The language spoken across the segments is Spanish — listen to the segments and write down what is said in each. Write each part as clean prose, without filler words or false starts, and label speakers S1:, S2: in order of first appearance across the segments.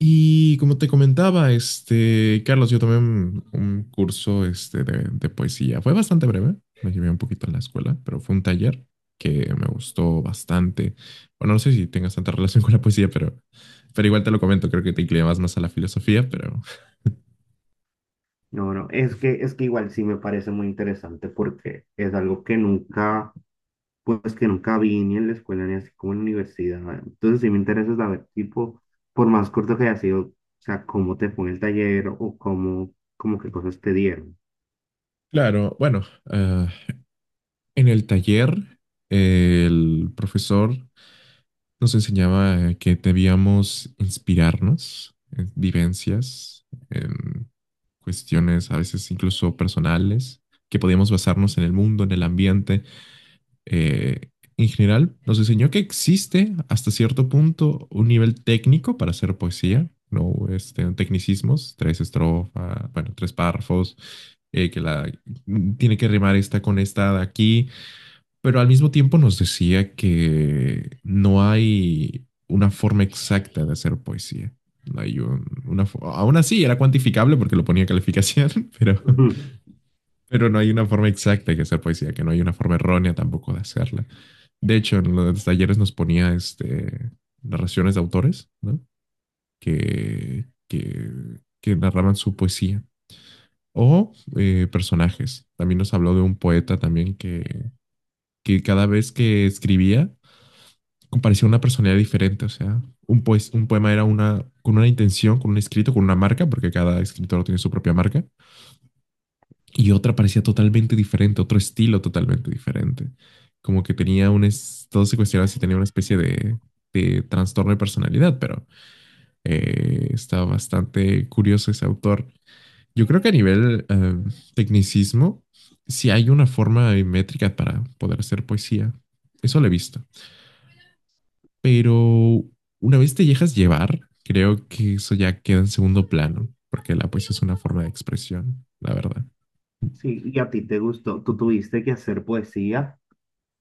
S1: Y como te comentaba, Carlos, yo tomé un curso de poesía. Fue bastante breve, me llevé un poquito en la escuela, pero fue un taller que me gustó bastante. Bueno, no sé si tengas tanta relación con la poesía, pero igual te lo comento. Creo que te inclinabas más a la filosofía, pero.
S2: No, no, es que igual sí me parece muy interesante porque es algo que nunca, pues que nunca vi ni en la escuela ni así como en la universidad. Entonces sí me interesa saber, tipo, por más corto que haya sido, o sea, cómo te fue en el taller como qué cosas te dieron.
S1: Claro, bueno, ah, en el taller, el profesor nos enseñaba que debíamos inspirarnos en vivencias, en cuestiones a veces incluso personales, que podíamos basarnos en el mundo, en el ambiente. eh, en general, nos enseñó que existe hasta cierto punto un nivel técnico para hacer poesía. No, tecnicismos, tres estrofas, bueno, tres párrafos, que la tiene que rimar esta con esta de aquí, pero al mismo tiempo nos decía que no hay una forma exacta de hacer poesía. No hay una, aún así era cuantificable porque lo ponía en calificación, pero,
S2: Ujú.
S1: pero no hay una forma exacta de hacer poesía, que no hay una forma errónea tampoco de hacerla. De hecho, en los talleres nos ponía narraciones de autores, ¿no? Que, que, que narraban su poesía. O personajes. También nos habló de un poeta también que cada vez que escribía compareció una personalidad diferente. O sea, un poema era una, con una intención, con un escrito, con una marca, porque cada escritor tiene su propia marca, y otra parecía totalmente diferente, otro estilo totalmente diferente, como que tenía todo se cuestionaba si tenía una especie de trastorno de personalidad, pero está bastante curioso ese autor. Yo creo que a nivel tecnicismo, si hay una forma métrica para poder hacer poesía, eso lo he visto. Pero una vez te dejas llevar, creo que eso ya queda en segundo plano, porque la poesía es una forma de expresión, la verdad.
S2: Sí, ¿y a ti te gustó? ¿Tú tuviste que hacer poesía?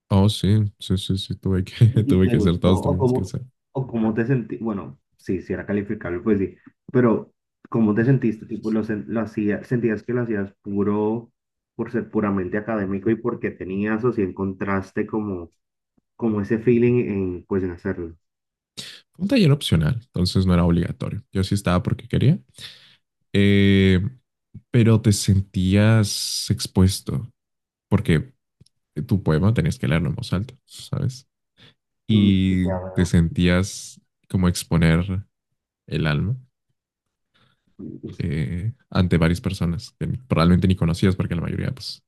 S1: Oh, sí, sí, sí, sí, tuve que,
S2: Y
S1: tuve
S2: te
S1: que hacer,
S2: gustó,
S1: todos tuvimos que hacer.
S2: o cómo te sentí, bueno, sí, si era calificable, pues sí, pero cómo te sentiste, tipo, lo, sen- lo hacía- sentías que lo hacías puro, por ser puramente académico y porque tenías o si encontraste como ese feeling en, pues, en hacerlo.
S1: Un taller opcional, entonces no era obligatorio. Yo sí estaba porque quería, eh, pero te sentías expuesto, porque tu poema tenías que leerlo en voz alta, ¿sabes?
S2: Mm,
S1: Y
S2: ya
S1: te
S2: veo.
S1: sentías como exponer el alma
S2: Mm.
S1: ante varias personas que probablemente ni conocías, porque la mayoría pues,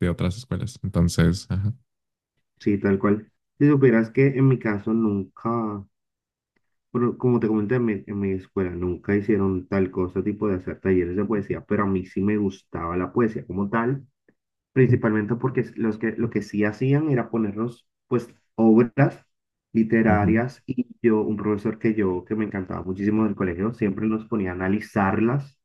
S1: de otras escuelas. Entonces, ajá.
S2: Sí, tal cual. Si supieras que en mi caso nunca, bueno, como te comenté en mi escuela, nunca hicieron tal cosa, tipo de hacer talleres de poesía, pero a mí sí me gustaba la poesía como tal. Principalmente porque lo que sí hacían era ponernos, pues, obras
S1: Ujú,
S2: literarias y yo, un profesor que me encantaba muchísimo del colegio, siempre nos ponía a analizarlas.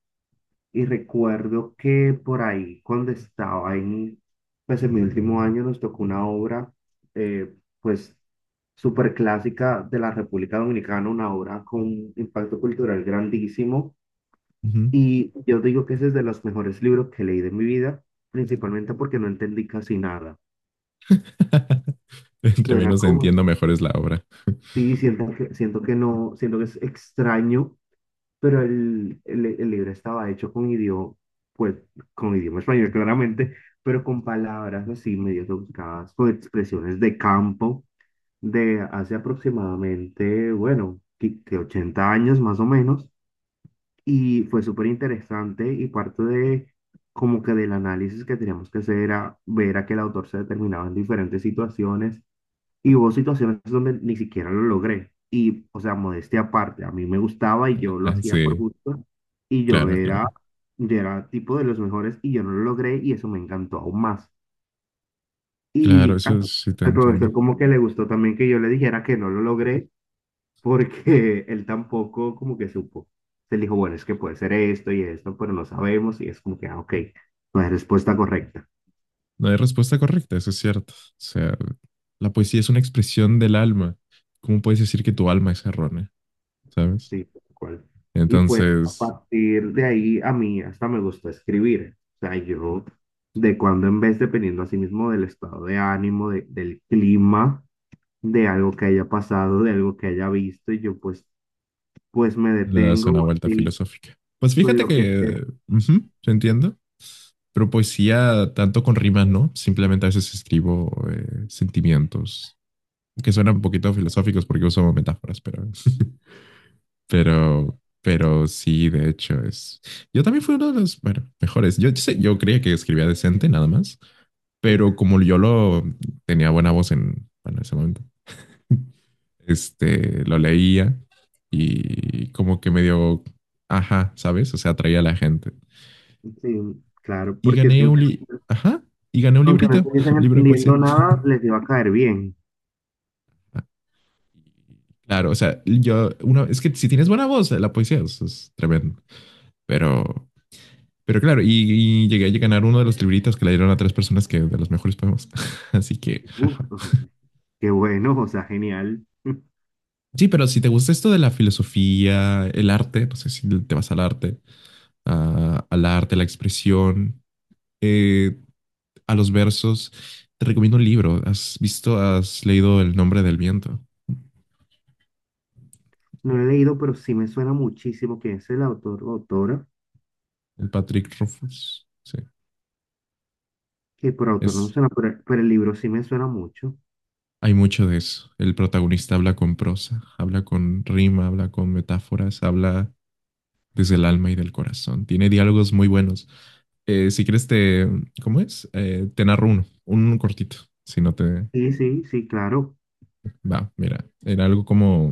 S2: Y recuerdo que por ahí, cuando estaba en, pues, en mi último año, nos tocó una obra, eh, pues, súper clásica de la República Dominicana, una obra con impacto cultural grandísimo.
S1: ujú.
S2: Y yo digo que ese es de los mejores libros que leí de mi vida, principalmente porque no entendí casi nada.
S1: Entre
S2: Suena
S1: menos
S2: como,
S1: entiendo, mejor es la obra.
S2: sí, siento que no, siento que es extraño, pero el libro estaba hecho pues, con idioma español claramente, pero con palabras así medio rebuscadas, con expresiones de campo de hace aproximadamente, bueno, que 80 años más o menos. Y fue súper interesante, y parte de como que del análisis que teníamos que hacer era ver a que el autor se determinaba en diferentes situaciones, y hubo situaciones donde ni siquiera lo logré. Y, o sea, modestia aparte, a mí me gustaba y yo lo hacía por
S1: Sí,
S2: gusto, y yo
S1: claro,
S2: era,
S1: claro.
S2: yo era tipo de los mejores y yo no lo logré y eso me encantó aún más.
S1: Claro,
S2: Y
S1: eso sí te
S2: al profesor
S1: entiendo.
S2: como que le gustó también que yo le dijera que no lo logré, porque él tampoco como que supo. Se dijo, bueno, es que puede ser esto y esto, pero no sabemos, y es como que, ah, ok, no es respuesta correcta.
S1: No hay respuesta correcta, eso es cierto. O sea, la poesía es una expresión del alma. ¿Cómo puedes decir que tu alma es errónea? ¿Sabes?
S2: Sí, tal cual. Y pues a
S1: Entonces
S2: partir de ahí a mí hasta me gustó escribir. O sea, yo de cuando en vez, dependiendo así mismo del estado de ánimo, del clima, de algo que haya pasado, de algo que haya visto, y yo pues me
S1: le das
S2: detengo
S1: una
S2: o
S1: vuelta
S2: así,
S1: filosófica. Pues
S2: con
S1: fíjate
S2: lo que te...
S1: que, ujú, yo entiendo, pero poesía tanto con rimas, ¿no? Simplemente a veces escribo sentimientos que suenan un poquito filosóficos porque uso metáforas, pero, pero sí, de hecho es. Yo también fui uno de los, bueno, mejores. Yo, yo creía que escribía decente, nada más. Pero como yo lo tenía buena voz en, bueno, en ese momento, lo leía y como que medio, ajá, ¿sabes? O sea, atraía a la gente.
S2: Sí, claro,
S1: Y
S2: porque es que
S1: gané un, li ajá, y gané un
S2: aunque no
S1: librito,
S2: estuviesen
S1: un libro de
S2: entendiendo
S1: poesía.
S2: nada, les iba a caer bien.
S1: Ah, Claro, o sea, yo, una, es que si tienes buena voz, la poesía es tremendo, pero, pero, claro, llegué a ganar uno de los libritos que le dieron a tres personas, que de los mejores poemas. Así que,
S2: Uf,
S1: jaja.
S2: ujú, qué bueno, o sea, genial.
S1: Sí, pero si te gusta esto de la filosofía, el arte, no sé si te vas al arte, al arte, a la expresión, eh, a los versos. Te recomiendo un libro. ¿Has visto, has leído El nombre del viento?
S2: No lo he leído, pero sí me suena muchísimo que es el autor o autora,
S1: El Patrick Rothfuss. Sí,
S2: que por autor no me
S1: es,
S2: suena, pero el libro sí me suena mucho.
S1: hay mucho de eso. El protagonista habla con prosa, habla con rima, habla con metáforas, habla desde el alma y del corazón. Tiene diálogos muy buenos. Si quieres te, ¿cómo es? Te narro uno, un cortito. Si no te
S2: Sí, sí, sí, claro,
S1: va, mira, era algo como,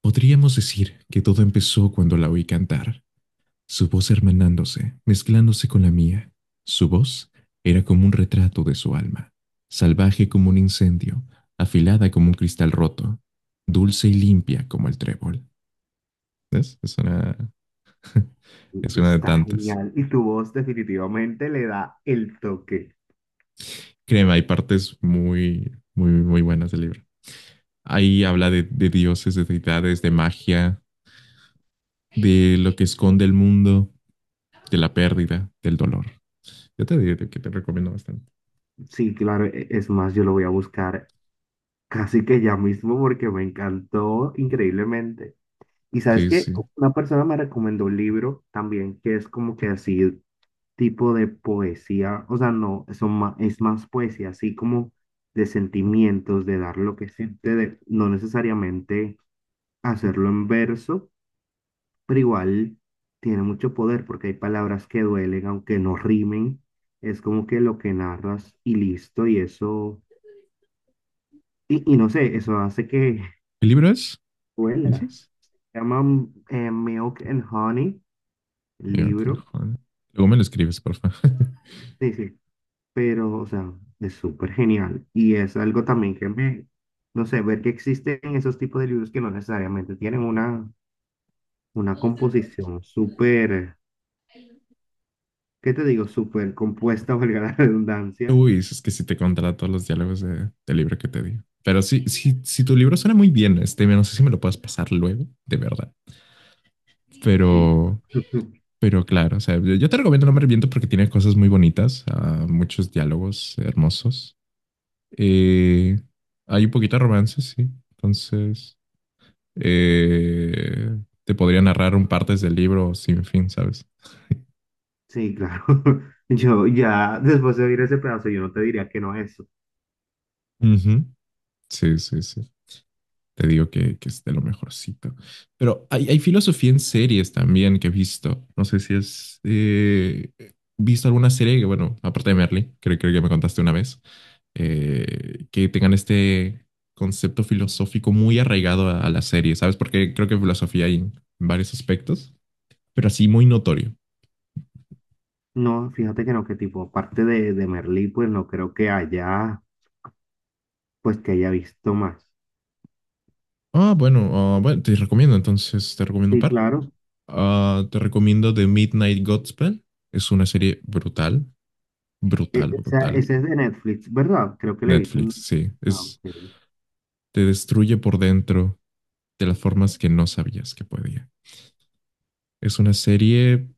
S1: podríamos decir que todo empezó cuando la oí cantar. Su voz hermanándose, mezclándose con la mía. Su voz era como un retrato de su alma, salvaje como un incendio, afilada como un cristal roto, dulce y limpia como el trébol. ¿Ves? Es una, es una de
S2: está
S1: tantas.
S2: genial. Y tu voz definitivamente le da el toque.
S1: Créeme, hay partes muy, muy, muy buenas del libro. Ahí habla de, dioses, de deidades, de magia, de lo que esconde el mundo, de la pérdida, del dolor. Yo te digo que te recomiendo bastante.
S2: Sí, claro, es más, yo lo voy a buscar casi que ya mismo porque me encantó increíblemente. Y sabes
S1: Sí,
S2: que
S1: sí.
S2: una persona me recomendó un libro también que es como que así tipo de poesía, o sea, no, es más poesía, así como de sentimientos, de dar lo que siente, de no necesariamente hacerlo en verso, pero igual tiene mucho poder porque hay palabras que duelen, aunque no rimen, es como que lo que narras y listo, y eso, y no sé, eso hace que
S1: ¿El libro es?
S2: duela.
S1: ¿Dices?
S2: Se llama Milk and Honey, el
S1: Miracle
S2: libro.
S1: Honey. Luego me lo escribes, porfa.
S2: Sí, sí, pero, o sea, es súper genial. Y es algo también que me, no sé, ver que existen esos tipos de libros que no necesariamente tienen una composición súper, ¿qué te digo? Súper compuesta, valga la redundancia.
S1: Uy, es que si te contara todos los diálogos de, del libro que te di. Pero sí, sí, si tu libro suena muy bien, no sé si me lo puedes pasar luego, de verdad.
S2: Sí,
S1: Pero, pero claro, o sea, yo te recomiendo No me reviento porque tiene cosas muy bonitas, muchos diálogos hermosos. Eh, Hay un poquito de romance, sí. Entonces, eh, te podría narrar un partes del libro sin fin, ¿sabes?
S2: sí, claro. Yo ya, después de oír ese pedazo, yo no te diría que no es eso.
S1: Ujú. Sí, sí, sí. Te digo que es de lo mejorcito. Pero hay filosofía en series también que he visto. No sé si has visto alguna serie que, bueno, aparte de Merly, creo, creo que me contaste una vez, que tengan este concepto filosófico muy arraigado a la serie, ¿sabes? Porque creo que filosofía hay en varios aspectos, pero así muy notorio.
S2: No, fíjate que no, que tipo, aparte de Merlí, pues no creo que haya, pues que haya visto más.
S1: Bueno, bueno, te recomiendo un
S2: Sí,
S1: par.
S2: claro.
S1: Te recomiendo The Midnight Gospel. Es una serie brutal,
S2: E-
S1: brutal,
S2: Esa,
S1: brutal.
S2: esa es de Netflix, ¿verdad? Creo que la he visto
S1: Netflix,
S2: en...
S1: sí.
S2: Ah,
S1: Es,
S2: ok.
S1: te destruye por dentro de las formas que no sabías que podía. Es una serie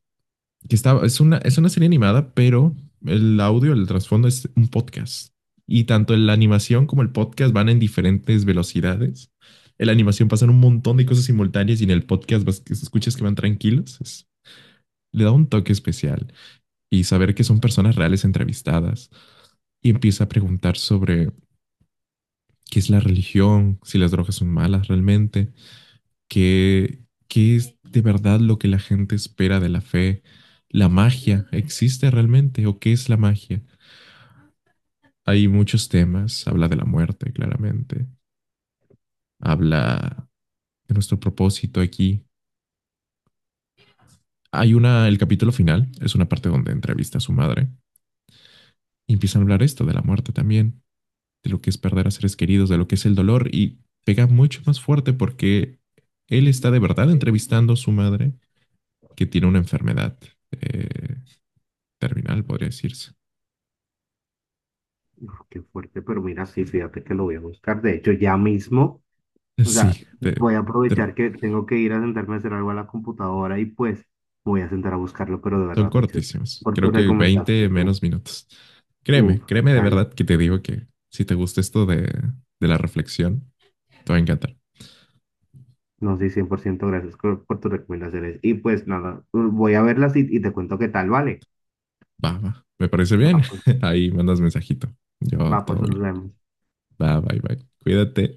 S1: que está, es una serie animada, pero el audio, el trasfondo es un podcast. Y tanto la animación como el podcast van en diferentes velocidades. En la animación pasan un montón de cosas simultáneas y en el podcast vas, escuchas que van tranquilos. Le da un toque especial. Y saber que son personas reales entrevistadas. Y empieza a preguntar sobre qué es la religión, si las drogas son malas realmente. ¿Qué, qué es de verdad lo que la gente espera de la fe? ¿La magia existe realmente, o qué es la magia? Hay muchos temas, habla de la muerte, claramente, habla de nuestro propósito aquí. El capítulo final es una parte donde entrevista a su madre y empiezan a hablar esto de la muerte también, de lo que es perder a seres queridos, de lo que es el dolor, y pega mucho más fuerte porque él está de verdad entrevistando a su madre, que tiene una enfermedad eh, terminal, podría decirse.
S2: Uf, qué fuerte, pero mira, sí, fíjate que lo voy a buscar. De hecho, ya mismo, o sea,
S1: Sí,
S2: voy a
S1: te-
S2: aprovechar que tengo que ir a sentarme a hacer algo a la computadora y pues voy a sentar a buscarlo, pero de
S1: son
S2: verdad, muchas gracias
S1: cortísimos.
S2: por tu
S1: Creo que 20
S2: recomendación.
S1: menos minutos.
S2: Uf,
S1: Créeme, créeme de
S2: genial.
S1: verdad que te digo que si te gusta esto de la reflexión, te va a encantar.
S2: No sé, 100% gracias por tus recomendaciones. Y pues nada, voy a verlas y te cuento qué tal, ¿vale?
S1: Va, va. Me parece bien.
S2: Va, pues,
S1: Ahí mandas mensajito. Yo
S2: va, pues
S1: todo
S2: nos
S1: bien.
S2: vemos.
S1: Va, bye, bye. Cuídate.